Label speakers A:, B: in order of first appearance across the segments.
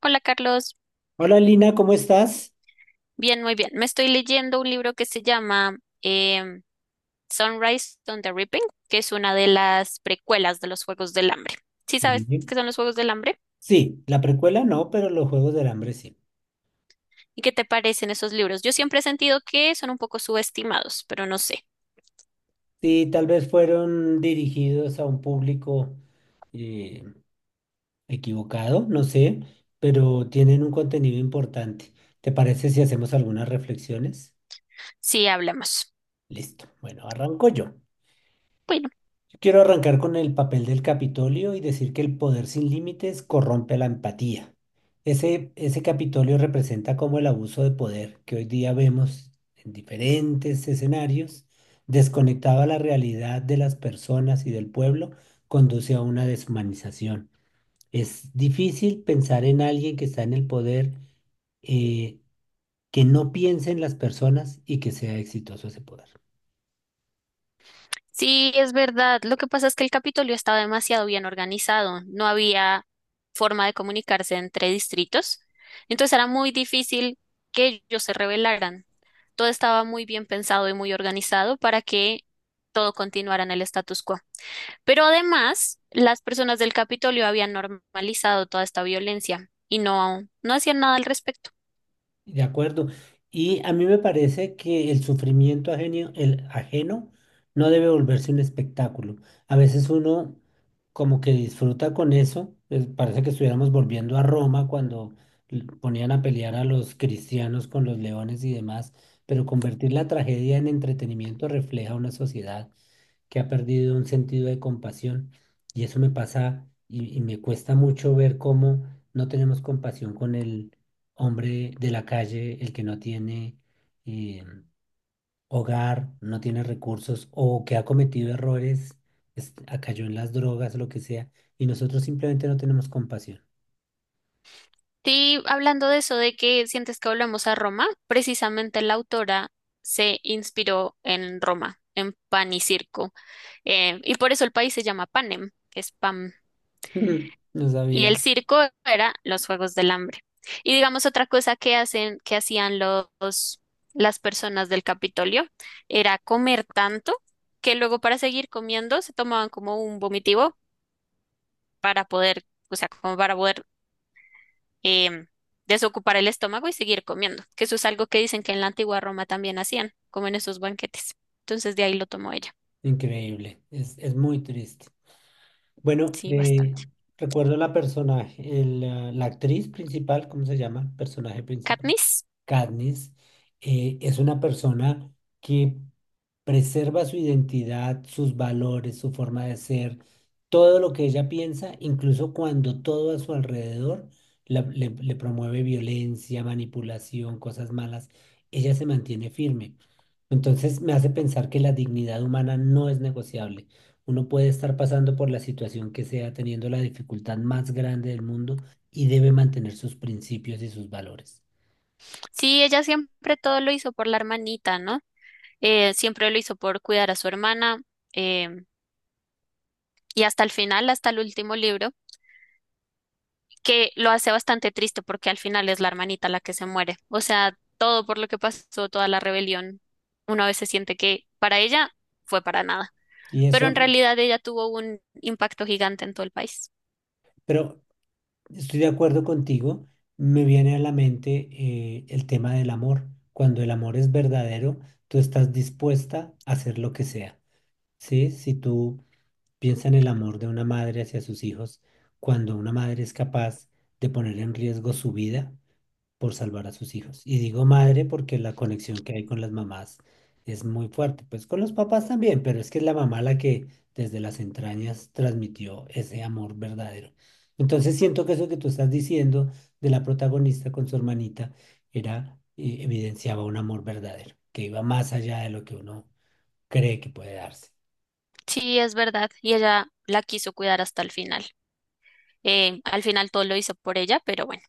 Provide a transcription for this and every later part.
A: Hola, Carlos.
B: Hola Lina, ¿cómo estás?
A: Bien, muy bien. Me estoy leyendo un libro que se llama em, Sunrise on the Reaping, que es una de las precuelas de los Juegos del Hambre. ¿Sí sabes
B: Sí.
A: qué son los Juegos del Hambre?
B: Sí, la precuela no, pero los Juegos del Hambre sí.
A: ¿Y qué te parecen esos libros? Yo siempre he sentido que son un poco subestimados, pero no sé.
B: Sí, tal vez fueron dirigidos a un público eh, equivocado, no sé, pero tienen un contenido importante. ¿Te parece si hacemos algunas reflexiones?
A: Sí, hablamos.
B: Listo. Bueno, arranco yo. Quiero arrancar con el papel del Capitolio y decir que el poder sin límites corrompe la empatía. Ese Capitolio representa como el abuso de poder que hoy día vemos en diferentes escenarios, desconectado a la realidad de las personas y del pueblo, conduce a una deshumanización. Es difícil pensar en alguien que está en el poder, eh, que no piense en las personas y que sea exitoso ese poder.
A: Sí, es verdad. Lo que pasa es que el Capitolio estaba demasiado bien organizado. No había forma de comunicarse entre distritos. Entonces era muy difícil que ellos se rebelaran. Todo estaba muy bien pensado y muy organizado para que todo continuara en el status quo. Pero además, las personas del Capitolio habían normalizado toda esta violencia y no, no hacían nada al respecto.
B: De acuerdo. Y a mí me parece que el sufrimiento ajeno, el ajeno no debe volverse un espectáculo. A veces uno como que disfruta con eso. Pues, parece que estuviéramos volviendo a Roma cuando ponían a pelear a los cristianos con los leones y demás. Pero convertir la tragedia en entretenimiento refleja una sociedad que ha perdido un sentido de compasión. Y eso me pasa y me cuesta mucho ver cómo no tenemos compasión con él hombre de la calle, el que no tiene eh, hogar, no tiene recursos o que ha cometido errores, cayó en las drogas, lo que sea, y nosotros simplemente no tenemos compasión.
A: Sí, hablando de eso, de que sientes que volvemos a Roma, precisamente la autora se inspiró en Roma, en pan y circo. Y por eso el país se llama Panem, que es pan.
B: No
A: Y el
B: sabía.
A: circo era los Juegos del Hambre. Y digamos otra cosa que hacen, que hacían los, las personas del Capitolio, era comer tanto que luego, para seguir comiendo, se tomaban como un vomitivo para poder, o sea, como para poder em, desocupar el estómago y seguir comiendo, que eso es algo que dicen que en la antigua Roma también hacían, como en esos banquetes. Entonces de ahí lo tomó ella.
B: Increíble. Es muy triste. Bueno,
A: Sí, bastante.
B: recuerdo la personaje, la actriz principal, ¿cómo se llama? Personaje principal.
A: Katniss.
B: Katniss es una persona que preserva su identidad, sus valores, su forma de ser, todo lo que ella piensa, incluso cuando todo a su alrededor le promueve violencia, manipulación, cosas malas, ella se mantiene firme. Entonces me hace pensar que la dignidad humana no es negociable. Uno puede estar pasando por la situación que sea, teniendo la dificultad más grande del mundo y debe mantener sus principios y sus valores.
A: Sí, ella siempre todo lo hizo por la hermanita, ¿no? Siempre lo hizo por cuidar a su hermana em, y hasta el final, hasta el último libro, que lo hace bastante triste porque al final es la hermanita la que se muere. O sea, todo por lo que pasó, toda la rebelión, una vez se siente que para ella fue para nada.
B: Y
A: Pero en
B: eso,
A: realidad ella tuvo un impacto gigante en todo el país.
B: pero estoy de acuerdo contigo, me viene a la mente el tema del amor. Cuando el amor es verdadero, tú estás dispuesta a hacer lo que sea. ¿Sí? Si tú piensas en el amor de una madre hacia sus hijos, cuando una madre es capaz de poner en riesgo su vida, por salvar a sus hijos. Y digo madre porque la conexión que hay con las mamás es muy fuerte, pues con los papás también, pero es que es la mamá la que desde las entrañas transmitió ese amor verdadero. Entonces siento que eso que tú estás diciendo de la protagonista con su hermanita era, evidenciaba un amor verdadero, que iba más allá de lo que uno cree que puede darse.
A: Sí, es verdad, y ella la quiso cuidar hasta el final. Al final todo lo hizo por ella, pero bueno.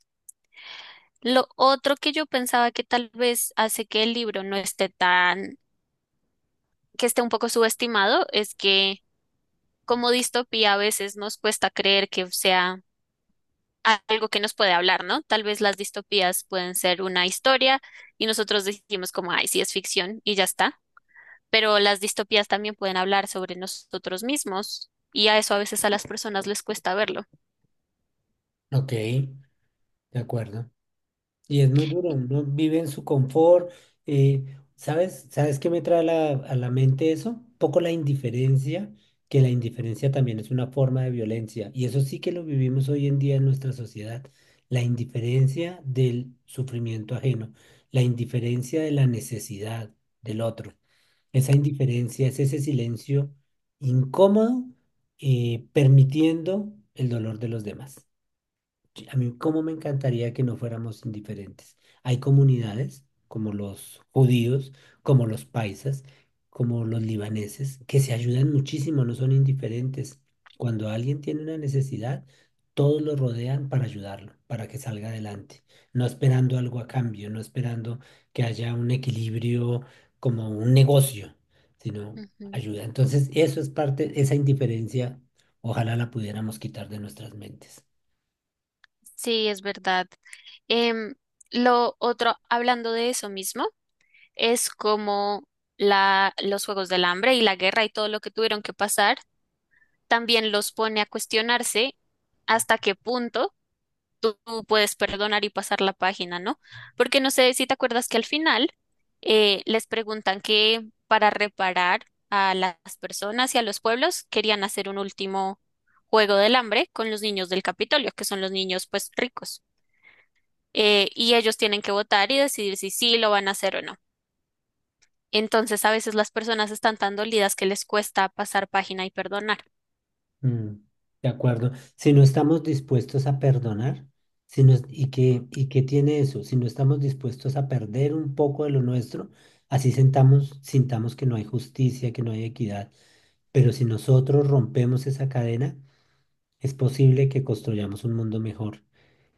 A: Lo otro que yo pensaba, que tal vez hace que el libro no esté tan, que esté un poco subestimado, es que como distopía a veces nos cuesta creer que sea algo que nos puede hablar, ¿no? Tal vez las distopías pueden ser una historia y nosotros decimos como, ay, sí, es ficción y ya está, pero las distopías también pueden hablar sobre nosotros mismos, y a eso a veces a las personas les cuesta verlo.
B: Ok, de acuerdo. Y es muy duro, uno vive en su confort. eh, ¿Sabes? ¿Sabes qué me trae a la mente eso? Un poco la indiferencia, que la indiferencia también es una forma de violencia. Y eso sí que lo vivimos hoy en día en nuestra sociedad. La indiferencia del sufrimiento ajeno, la indiferencia de la necesidad del otro. Esa indiferencia es ese silencio incómodo, permitiendo el dolor de los demás. Sí, a mí, cómo me encantaría que no fuéramos indiferentes. Hay comunidades como los judíos, como los paisas, como los libaneses, que se ayudan muchísimo, no son indiferentes. Cuando alguien tiene una necesidad, todos lo rodean para ayudarlo, para que salga adelante, no esperando algo a cambio, no esperando que haya un equilibrio como un negocio, sino
A: Ujú.
B: ayuda. Entonces, eso es parte, esa indiferencia, ojalá la pudiéramos quitar de nuestras mentes.
A: Sí, es verdad. Em, lo otro, hablando de eso mismo, es como la, los Juegos del Hambre y la guerra y todo lo que tuvieron que pasar, también los pone a cuestionarse hasta qué punto tú puedes perdonar y pasar la página, ¿no? Porque no sé si te acuerdas que al final les preguntan que para reparar a las personas y a los pueblos querían hacer un último juego del hambre con los niños del Capitolio, que son los niños pues ricos. Y ellos tienen que votar y decidir si sí lo van a hacer o no. Entonces, a veces las personas están tan dolidas que les cuesta pasar página y perdonar.
B: Mm, de acuerdo. Si no estamos dispuestos a perdonar, si nos- y qué tiene eso? Si no estamos dispuestos a perder un poco de lo nuestro, así sintamos que no hay justicia, que no hay equidad. Pero si nosotros rompemos esa cadena, es posible que construyamos un mundo mejor.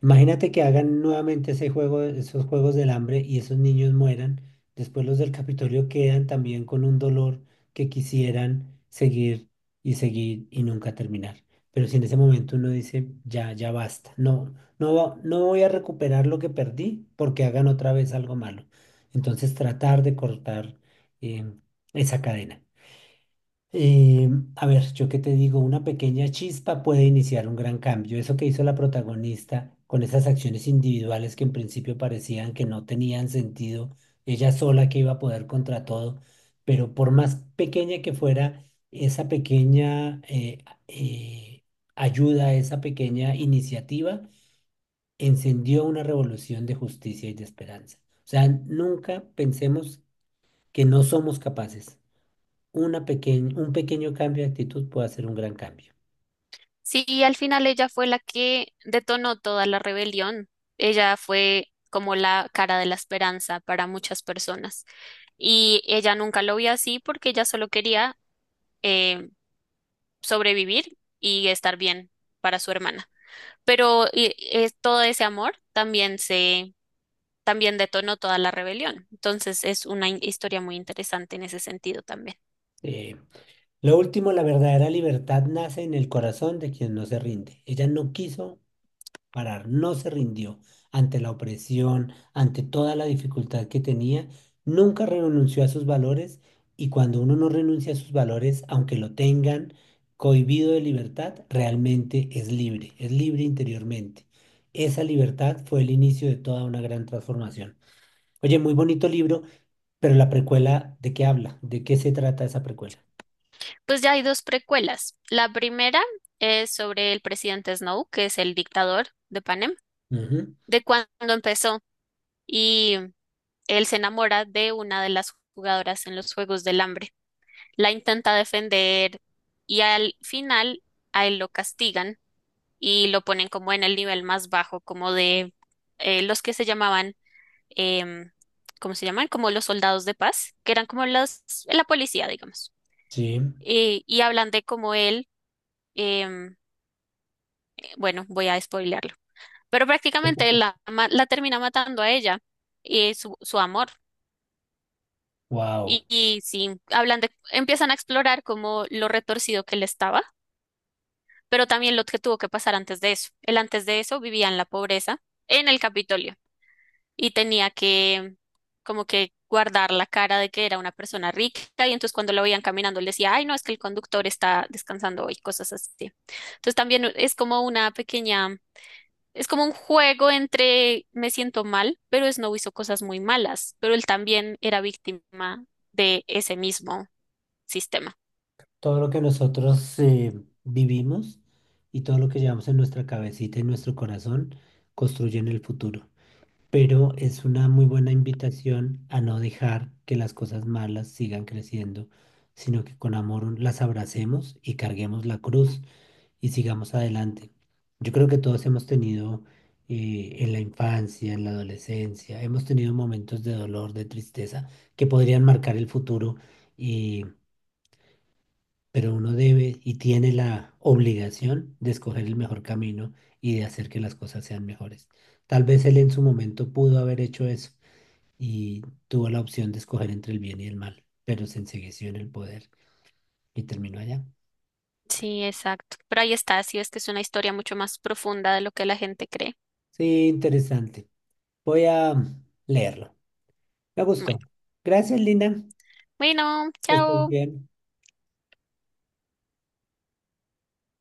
B: Imagínate que hagan nuevamente ese juego, esos juegos del hambre y esos niños mueran. Después los del Capitolio quedan también con un dolor que quisieran seguir y seguir y nunca terminar. Pero si en ese momento uno dice, ya, ya basta, no, no, no voy a recuperar lo que perdí porque hagan otra vez algo malo. Entonces tratar de cortar eh, esa cadena. Eh, a ver, yo qué te digo, una pequeña chispa puede iniciar un gran cambio. Eso que hizo la protagonista con esas acciones individuales que en principio parecían que no tenían sentido, ella sola que iba a poder contra todo, pero por más pequeña que fuera, esa pequeña ayuda, esa pequeña iniciativa, encendió una revolución de justicia y de esperanza. O sea, nunca pensemos que no somos capaces un pequeño cambio de actitud puede hacer un gran cambio.
A: Sí, y al final ella fue la que detonó toda la rebelión. Ella fue como la cara de la esperanza para muchas personas. Y ella nunca lo vio así porque ella solo quería eh, sobrevivir y estar bien para su hermana. Pero todo ese amor también se, también detonó toda la rebelión. Entonces es una historia muy interesante en ese sentido también.
B: Eh, lo último, la verdadera libertad nace en el corazón de quien no se rinde. Ella no quiso parar, no se rindió ante la opresión, ante toda la dificultad que tenía, nunca renunció a sus valores y cuando uno no renuncia a sus valores, aunque lo tengan cohibido de libertad, realmente es libre interiormente. Esa libertad fue el inicio de toda una gran transformación. Oye, muy bonito libro. Pero la precuela, ¿de qué habla? ¿De qué se trata esa precuela?
A: Pues ya hay dos precuelas. La primera es sobre el presidente Snow, que es el dictador de Panem.
B: Ujú.
A: De cuando empezó y él se enamora de una de las jugadoras en los Juegos del Hambre. La intenta defender y al final a él lo castigan y lo ponen como en el nivel más bajo, como de los que se llamaban, em, ¿cómo se llaman? Como los soldados de paz, que eran como los, la policía, digamos.
B: Sí.
A: Y hablan de cómo él, em, bueno, voy a spoilearlo, pero prácticamente él la termina matando a ella y su amor.
B: Wow,
A: Y sí, hablan de, empiezan a explorar como lo retorcido que él estaba, pero también lo que tuvo que pasar antes de eso. Él antes de eso vivía en la pobreza, en el Capitolio, y tenía que como que guardar la cara de que era una persona rica, y entonces cuando lo veían caminando, él decía, ay, no, es que el conductor está descansando hoy, cosas así. Entonces también es como una pequeña, es como un juego entre me siento mal, pero Snow hizo cosas muy malas, pero él también era víctima de ese mismo sistema.
B: todo lo que nosotros vivimos y todo lo que llevamos en nuestra cabecita y nuestro corazón construyen el futuro. Pero es una muy buena invitación a no dejar que las cosas malas sigan creciendo, sino que con amor las abracemos y carguemos la cruz y sigamos adelante. Yo creo que todos hemos tenido en la infancia, en la adolescencia, hemos tenido momentos de dolor, de tristeza, que podrían marcar el futuro, y, pero uno debe y tiene la obligación de escoger el mejor camino y de hacer que las cosas sean mejores. Tal vez él en su momento pudo haber hecho eso y tuvo la opción de escoger entre el bien y el mal, pero se ensegueció en el poder y terminó allá.
A: Sí, exacto. Pero ahí está, sí, es que es una historia mucho más profunda de lo que la gente cree.
B: Sí, interesante. Voy a leerlo. Me
A: Bueno,
B: gustó. Gracias, Lina.
A: bueno,
B: Que estés
A: chao.
B: bien.